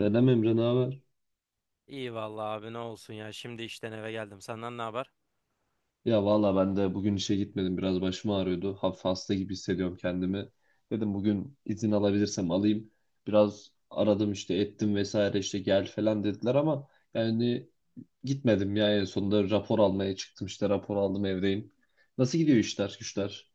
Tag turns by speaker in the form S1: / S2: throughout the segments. S1: Selam Emre, ne haber?
S2: İyi vallahi abi ne olsun ya. Şimdi işten eve geldim. Senden ne haber?
S1: Ya valla ben de bugün işe gitmedim. Biraz başım ağrıyordu. Hafif hasta gibi hissediyorum kendimi. Dedim bugün izin alabilirsem alayım. Biraz aradım işte, ettim vesaire, işte gel falan dediler ama yani gitmedim ya, en sonunda rapor almaya çıktım, işte rapor aldım, evdeyim. Nasıl gidiyor işler güçler?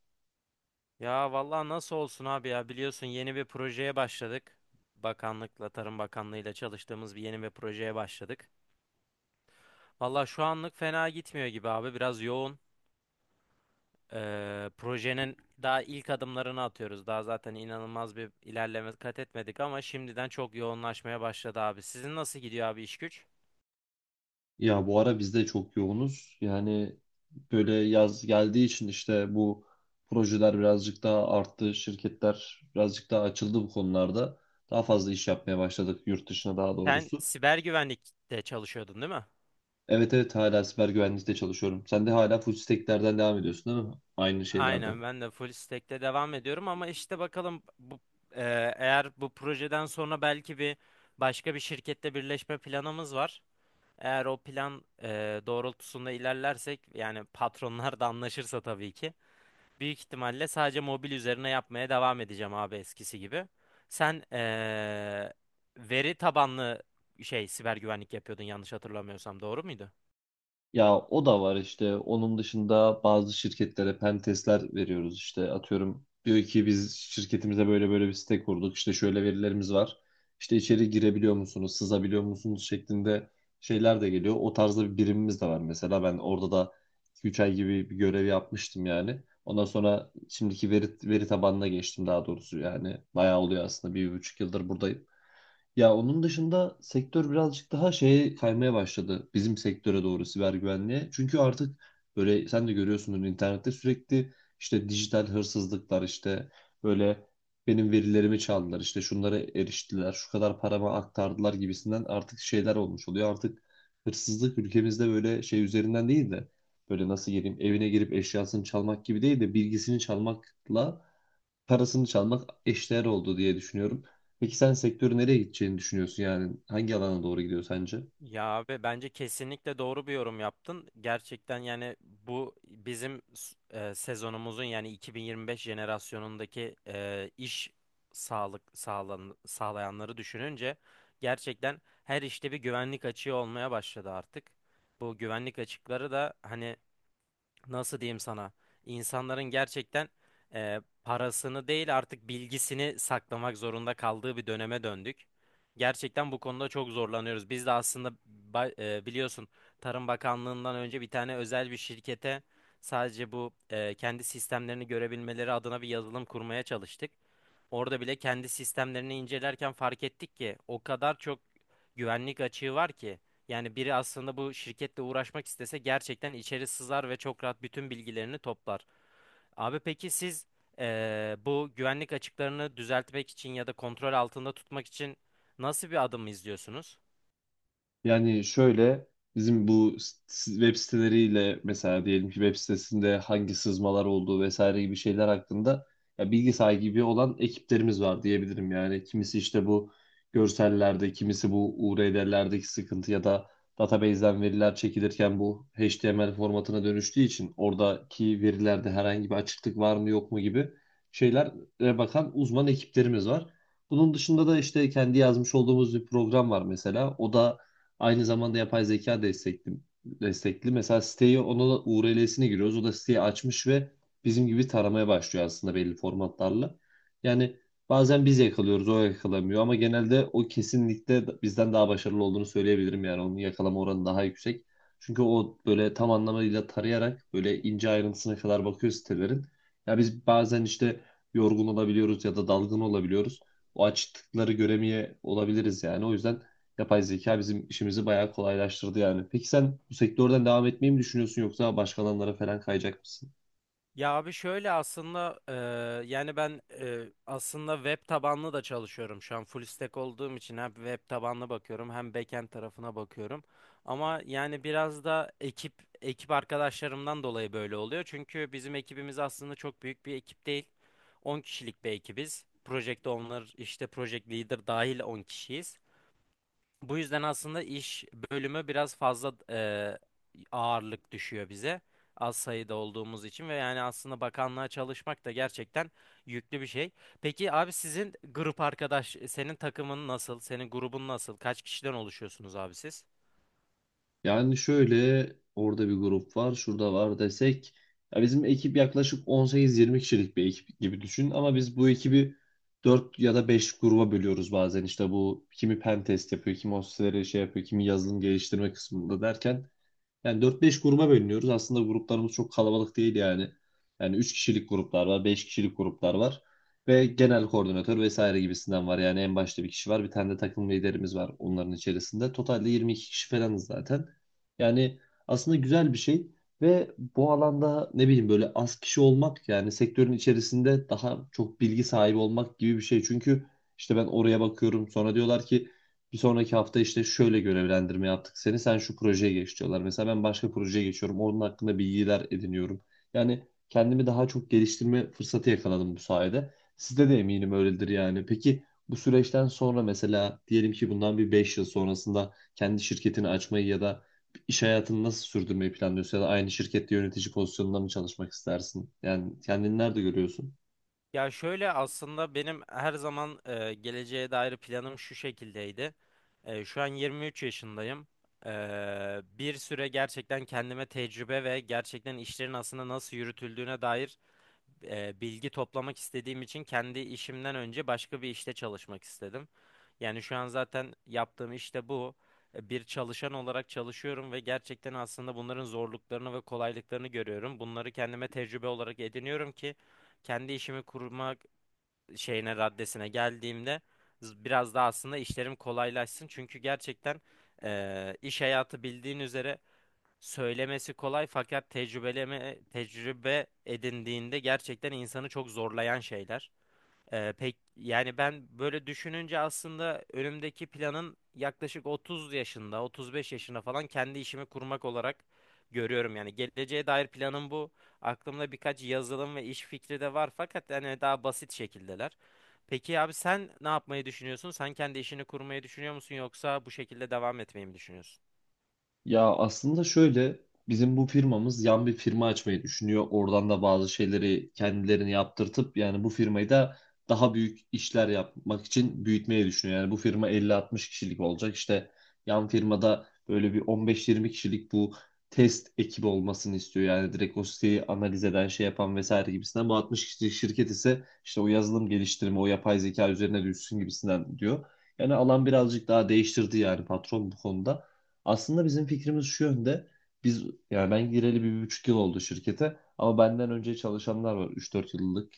S2: Ya vallahi nasıl olsun abi ya. Biliyorsun yeni bir projeye başladık. Bakanlıkla, Tarım Bakanlığıyla çalıştığımız bir yeni bir projeye başladık. Vallahi şu anlık fena gitmiyor gibi abi. Biraz yoğun. Projenin daha ilk adımlarını atıyoruz. Daha zaten inanılmaz bir ilerleme kat etmedik ama şimdiden çok yoğunlaşmaya başladı abi. Sizin nasıl gidiyor abi iş güç?
S1: Ya bu ara biz de çok yoğunuz. Yani böyle yaz geldiği için işte bu projeler birazcık daha arttı. Şirketler birazcık daha açıldı bu konularda. Daha fazla iş yapmaya başladık yurt dışına, daha
S2: Sen
S1: doğrusu.
S2: siber güvenlikte çalışıyordun değil mi?
S1: Evet, evet, hala siber güvenlikte çalışıyorum. Sen de hala full stack'lerden devam ediyorsun değil mi? Aynı şeylerden.
S2: Aynen ben de full stack'te devam ediyorum ama işte bakalım e, eğer bu projeden sonra belki bir başka bir şirkette birleşme planımız var. Eğer o plan doğrultusunda ilerlersek yani patronlar da anlaşırsa tabii ki büyük ihtimalle sadece mobil üzerine yapmaya devam edeceğim abi eskisi gibi. Sen veri tabanlı şey siber güvenlik yapıyordun yanlış hatırlamıyorsam doğru muydu?
S1: Ya o da var işte. Onun dışında bazı şirketlere pen testler veriyoruz işte. Atıyorum, diyor ki biz şirketimize böyle böyle bir site kurduk. İşte şöyle verilerimiz var. İşte içeri girebiliyor musunuz, sızabiliyor musunuz şeklinde şeyler de geliyor. O tarzda bir birimimiz de var mesela. Ben orada da 2-3 ay gibi bir görev yapmıştım yani. Ondan sonra şimdiki veri tabanına geçtim, daha doğrusu yani. Bayağı oluyor aslında. Bir, 1,5 yıldır buradayım. Ya onun dışında sektör birazcık daha şeye kaymaya başladı, bizim sektöre doğru, siber güvenliğe. Çünkü artık böyle sen de görüyorsundur, internette sürekli işte dijital hırsızlıklar, işte böyle benim verilerimi çaldılar, işte şunlara eriştiler, şu kadar parama aktardılar gibisinden artık şeyler olmuş oluyor. Artık hırsızlık ülkemizde böyle şey üzerinden değil de, böyle nasıl geleyim, evine girip eşyasını çalmak gibi değil de bilgisini çalmakla parasını çalmak eşdeğer oldu diye düşünüyorum. Peki sen sektörü nereye gideceğini düşünüyorsun yani? Hangi alana doğru gidiyor sence?
S2: Ya abi bence kesinlikle doğru bir yorum yaptın. Gerçekten yani bu bizim sezonumuzun yani 2025 jenerasyonundaki iş sağlayanları düşününce gerçekten her işte bir güvenlik açığı olmaya başladı artık. Bu güvenlik açıkları da hani nasıl diyeyim sana insanların gerçekten parasını değil artık bilgisini saklamak zorunda kaldığı bir döneme döndük. Gerçekten bu konuda çok zorlanıyoruz. Biz de aslında biliyorsun Tarım Bakanlığı'ndan önce bir tane özel bir şirkete sadece bu kendi sistemlerini görebilmeleri adına bir yazılım kurmaya çalıştık. Orada bile kendi sistemlerini incelerken fark ettik ki o kadar çok güvenlik açığı var ki yani biri aslında bu şirketle uğraşmak istese gerçekten içeri sızar ve çok rahat bütün bilgilerini toplar. Abi peki siz bu güvenlik açıklarını düzeltmek için ya da kontrol altında tutmak için nasıl bir adım izliyorsunuz?
S1: Yani şöyle, bizim bu web siteleriyle mesela, diyelim ki web sitesinde hangi sızmalar olduğu vesaire gibi şeyler hakkında ya bilgi sahibi olan ekiplerimiz var diyebilirim. Yani kimisi işte bu görsellerde, kimisi bu URL'lerdeki sıkıntı ya da database'den veriler çekilirken bu HTML formatına dönüştüğü için oradaki verilerde herhangi bir açıklık var mı yok mu gibi şeylere bakan uzman ekiplerimiz var. Bunun dışında da işte kendi yazmış olduğumuz bir program var mesela. O da aynı zamanda yapay zeka destekli. Mesela siteyi, ona da URL'sine giriyoruz. O da siteyi açmış ve bizim gibi taramaya başlıyor aslında, belli formatlarla. Yani bazen biz yakalıyoruz, o yakalamıyor ama genelde o kesinlikle bizden daha başarılı olduğunu söyleyebilirim, yani onun yakalama oranı daha yüksek. Çünkü o böyle tam anlamıyla tarayarak böyle ince ayrıntısına kadar bakıyor sitelerin. Ya biz bazen işte yorgun olabiliyoruz ya da dalgın olabiliyoruz. O açtıkları göremeye olabiliriz yani. O yüzden yapay zeka bizim işimizi bayağı kolaylaştırdı yani. Peki sen bu sektörden devam etmeyi mi düşünüyorsun yoksa başka alanlara falan kayacak mısın?
S2: Ya abi şöyle aslında yani ben aslında web tabanlı da çalışıyorum şu an full stack olduğum için hem web tabanlı bakıyorum hem backend tarafına bakıyorum. Ama yani biraz da ekip arkadaşlarımdan dolayı böyle oluyor. Çünkü bizim ekibimiz aslında çok büyük bir ekip değil. On kişilik bir ekibiz. Project owner işte project leader dahil 10 kişiyiz. Bu yüzden aslında iş bölümü biraz fazla ağırlık düşüyor bize. Az sayıda olduğumuz için ve yani aslında bakanlığa çalışmak da gerçekten yüklü bir şey. Peki abi sizin senin takımın nasıl? Senin grubun nasıl? Kaç kişiden oluşuyorsunuz abi siz?
S1: Yani şöyle, orada bir grup var, şurada var desek, ya bizim ekip yaklaşık 18-20 kişilik bir ekip gibi düşün ama biz bu ekibi 4 ya da 5 gruba bölüyoruz bazen. İşte bu, kimi pen test yapıyor, kimi o siteleri şey yapıyor, kimi yazılım geliştirme kısmında derken yani dört beş gruba bölünüyoruz. Aslında gruplarımız çok kalabalık değil yani. Yani 3 kişilik gruplar var, 5 kişilik gruplar var. Ve genel koordinatör vesaire gibisinden var. Yani en başta bir kişi var. Bir tane de takım liderimiz var onların içerisinde. Totalde 22 kişi falanız zaten. Yani aslında güzel bir şey. Ve bu alanda, ne bileyim, böyle az kişi olmak yani sektörün içerisinde daha çok bilgi sahibi olmak gibi bir şey. Çünkü işte ben oraya bakıyorum, sonra diyorlar ki bir sonraki hafta işte şöyle görevlendirme yaptık seni, sen şu projeye geç diyorlar. Mesela ben başka projeye geçiyorum, onun hakkında bilgiler ediniyorum. Yani kendimi daha çok geliştirme fırsatı yakaladım bu sayede. Sizde de eminim öyledir yani. Peki bu süreçten sonra, mesela diyelim ki bundan bir 5 yıl sonrasında kendi şirketini açmayı ya da iş hayatını nasıl sürdürmeyi planlıyorsun, ya da aynı şirkette yönetici pozisyonunda mı çalışmak istersin? Yani kendini nerede görüyorsun?
S2: Ya şöyle aslında benim her zaman geleceğe dair planım şu şekildeydi. Şu an 23 yaşındayım. E, Bir süre gerçekten kendime tecrübe ve gerçekten işlerin aslında nasıl yürütüldüğüne dair bilgi toplamak istediğim için kendi işimden önce başka bir işte çalışmak istedim. Yani şu an zaten yaptığım işte bu. Bir çalışan olarak çalışıyorum ve gerçekten aslında bunların zorluklarını ve kolaylıklarını görüyorum. Bunları kendime tecrübe olarak ediniyorum ki kendi işimi kurmak raddesine geldiğimde biraz daha aslında işlerim kolaylaşsın. Çünkü gerçekten iş hayatı bildiğin üzere söylemesi kolay fakat tecrübe edindiğinde gerçekten insanı çok zorlayan şeyler. Pek yani ben böyle düşününce aslında önümdeki planın yaklaşık 30 yaşında, 35 yaşında falan kendi işimi kurmak olarak görüyorum. Yani geleceğe dair planım bu. Aklımda birkaç yazılım ve iş fikri de var fakat hani daha basit şekildeler. Peki abi sen ne yapmayı düşünüyorsun? Sen kendi işini kurmayı düşünüyor musun yoksa bu şekilde devam etmeyi mi düşünüyorsun?
S1: Ya aslında şöyle, bizim bu firmamız yan bir firma açmayı düşünüyor. Oradan da bazı şeyleri kendilerini yaptırtıp yani bu firmayı da daha büyük işler yapmak için büyütmeyi düşünüyor. Yani bu firma 50-60 kişilik olacak. İşte yan firmada böyle bir on beş 20 kişilik bu test ekibi olmasını istiyor. Yani direkt o siteyi analiz eden, şey yapan vesaire gibisinden. Bu 60 kişilik şirket ise işte o yazılım geliştirme, o yapay zeka üzerine düşsün gibisinden diyor. Yani alan birazcık daha değiştirdi yani patron bu konuda. Aslında bizim fikrimiz şu yönde. Biz, yani ben gireli bir, bir buçuk yıl oldu şirkete, ama benden önce çalışanlar var. 3-4 yıllık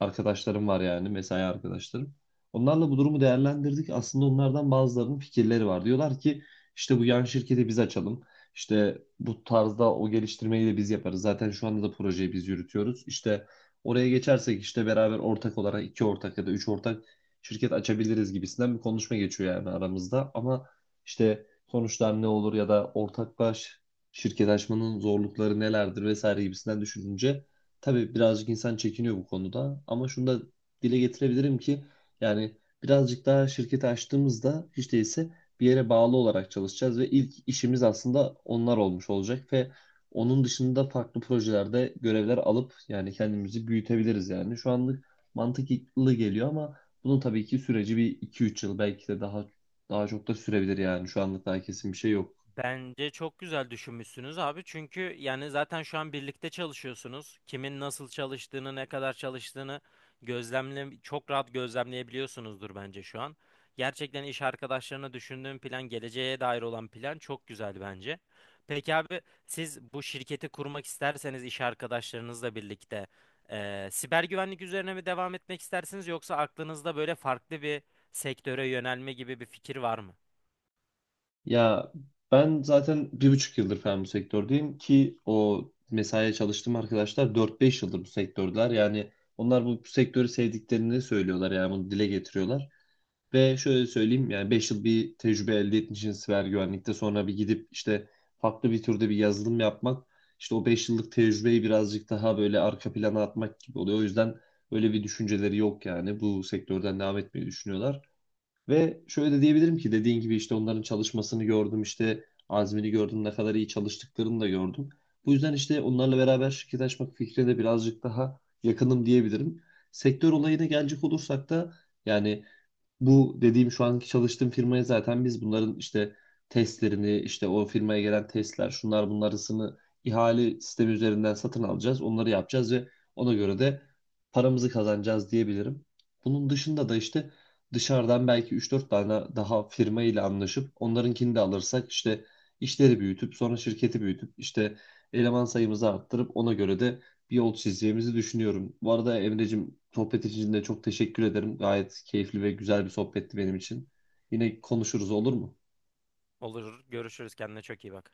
S1: arkadaşlarım var, yani mesai arkadaşlarım. Onlarla bu durumu değerlendirdik. Aslında onlardan bazılarının fikirleri var. Diyorlar ki işte bu yan şirketi biz açalım. İşte bu tarzda o geliştirmeyi de biz yaparız. Zaten şu anda da projeyi biz yürütüyoruz. İşte oraya geçersek işte beraber ortak olarak iki ortak ya da üç ortak şirket açabiliriz gibisinden bir konuşma geçiyor yani aramızda. Ama işte sonuçlar ne olur ya da ortaklaş şirket açmanın zorlukları nelerdir vesaire gibisinden düşününce tabii birazcık insan çekiniyor bu konuda, ama şunu da dile getirebilirim ki yani, birazcık daha şirketi açtığımızda hiç değilse bir yere bağlı olarak çalışacağız ve ilk işimiz aslında onlar olmuş olacak ve onun dışında farklı projelerde görevler alıp yani kendimizi büyütebiliriz yani. Şu anlık mantıklı geliyor ama bunun tabii ki süreci bir iki üç yıl, belki de daha çok da sürebilir yani. Şu anda daha kesin bir şey yok.
S2: Bence çok güzel düşünmüşsünüz abi. Çünkü yani zaten şu an birlikte çalışıyorsunuz. Kimin nasıl çalıştığını, ne kadar çalıştığını çok rahat gözlemleyebiliyorsunuzdur bence şu an. Gerçekten iş arkadaşlarına düşündüğüm plan, geleceğe dair olan plan çok güzel bence. Peki abi siz bu şirketi kurmak isterseniz iş arkadaşlarınızla birlikte siber güvenlik üzerine mi devam etmek istersiniz yoksa aklınızda böyle farklı bir sektöre yönelme gibi bir fikir var mı?
S1: Ya ben zaten 1,5 yıldır falan bu sektördeyim, ki o mesaiye çalıştığım arkadaşlar 4-5 yıldır bu sektördeler. Yani onlar bu sektörü sevdiklerini söylüyorlar, yani bunu dile getiriyorlar. Ve şöyle söyleyeyim, yani 5 yıl bir tecrübe elde etmişsiniz siber güvenlikte, sonra bir gidip işte farklı bir türde bir yazılım yapmak işte o 5 yıllık tecrübeyi birazcık daha böyle arka plana atmak gibi oluyor. O yüzden öyle bir düşünceleri yok, yani bu sektörden devam etmeyi düşünüyorlar. Ve şöyle de diyebilirim ki, dediğin gibi işte onların çalışmasını gördüm, işte azmini gördüm, ne kadar iyi çalıştıklarını da gördüm. Bu yüzden işte onlarla beraber şirket açmak fikrine de birazcık daha yakınım diyebilirim. Sektör olayına gelecek olursak da, yani bu dediğim şu anki çalıştığım firmaya zaten biz bunların işte testlerini, işte o firmaya gelen testler, şunlar bunlarısını ihale sistemi üzerinden satın alacağız. Onları yapacağız ve ona göre de paramızı kazanacağız diyebilirim. Bunun dışında da işte dışarıdan belki 3-4 tane daha firma ile anlaşıp onlarınkini de alırsak işte işleri büyütüp sonra şirketi büyütüp işte eleman sayımızı arttırıp ona göre de bir yol çizeceğimizi düşünüyorum. Bu arada Emre'cim, sohbet için de çok teşekkür ederim. Gayet keyifli ve güzel bir sohbetti benim için. Yine konuşuruz, olur mu?
S2: Olur, görüşürüz. Kendine çok iyi bak.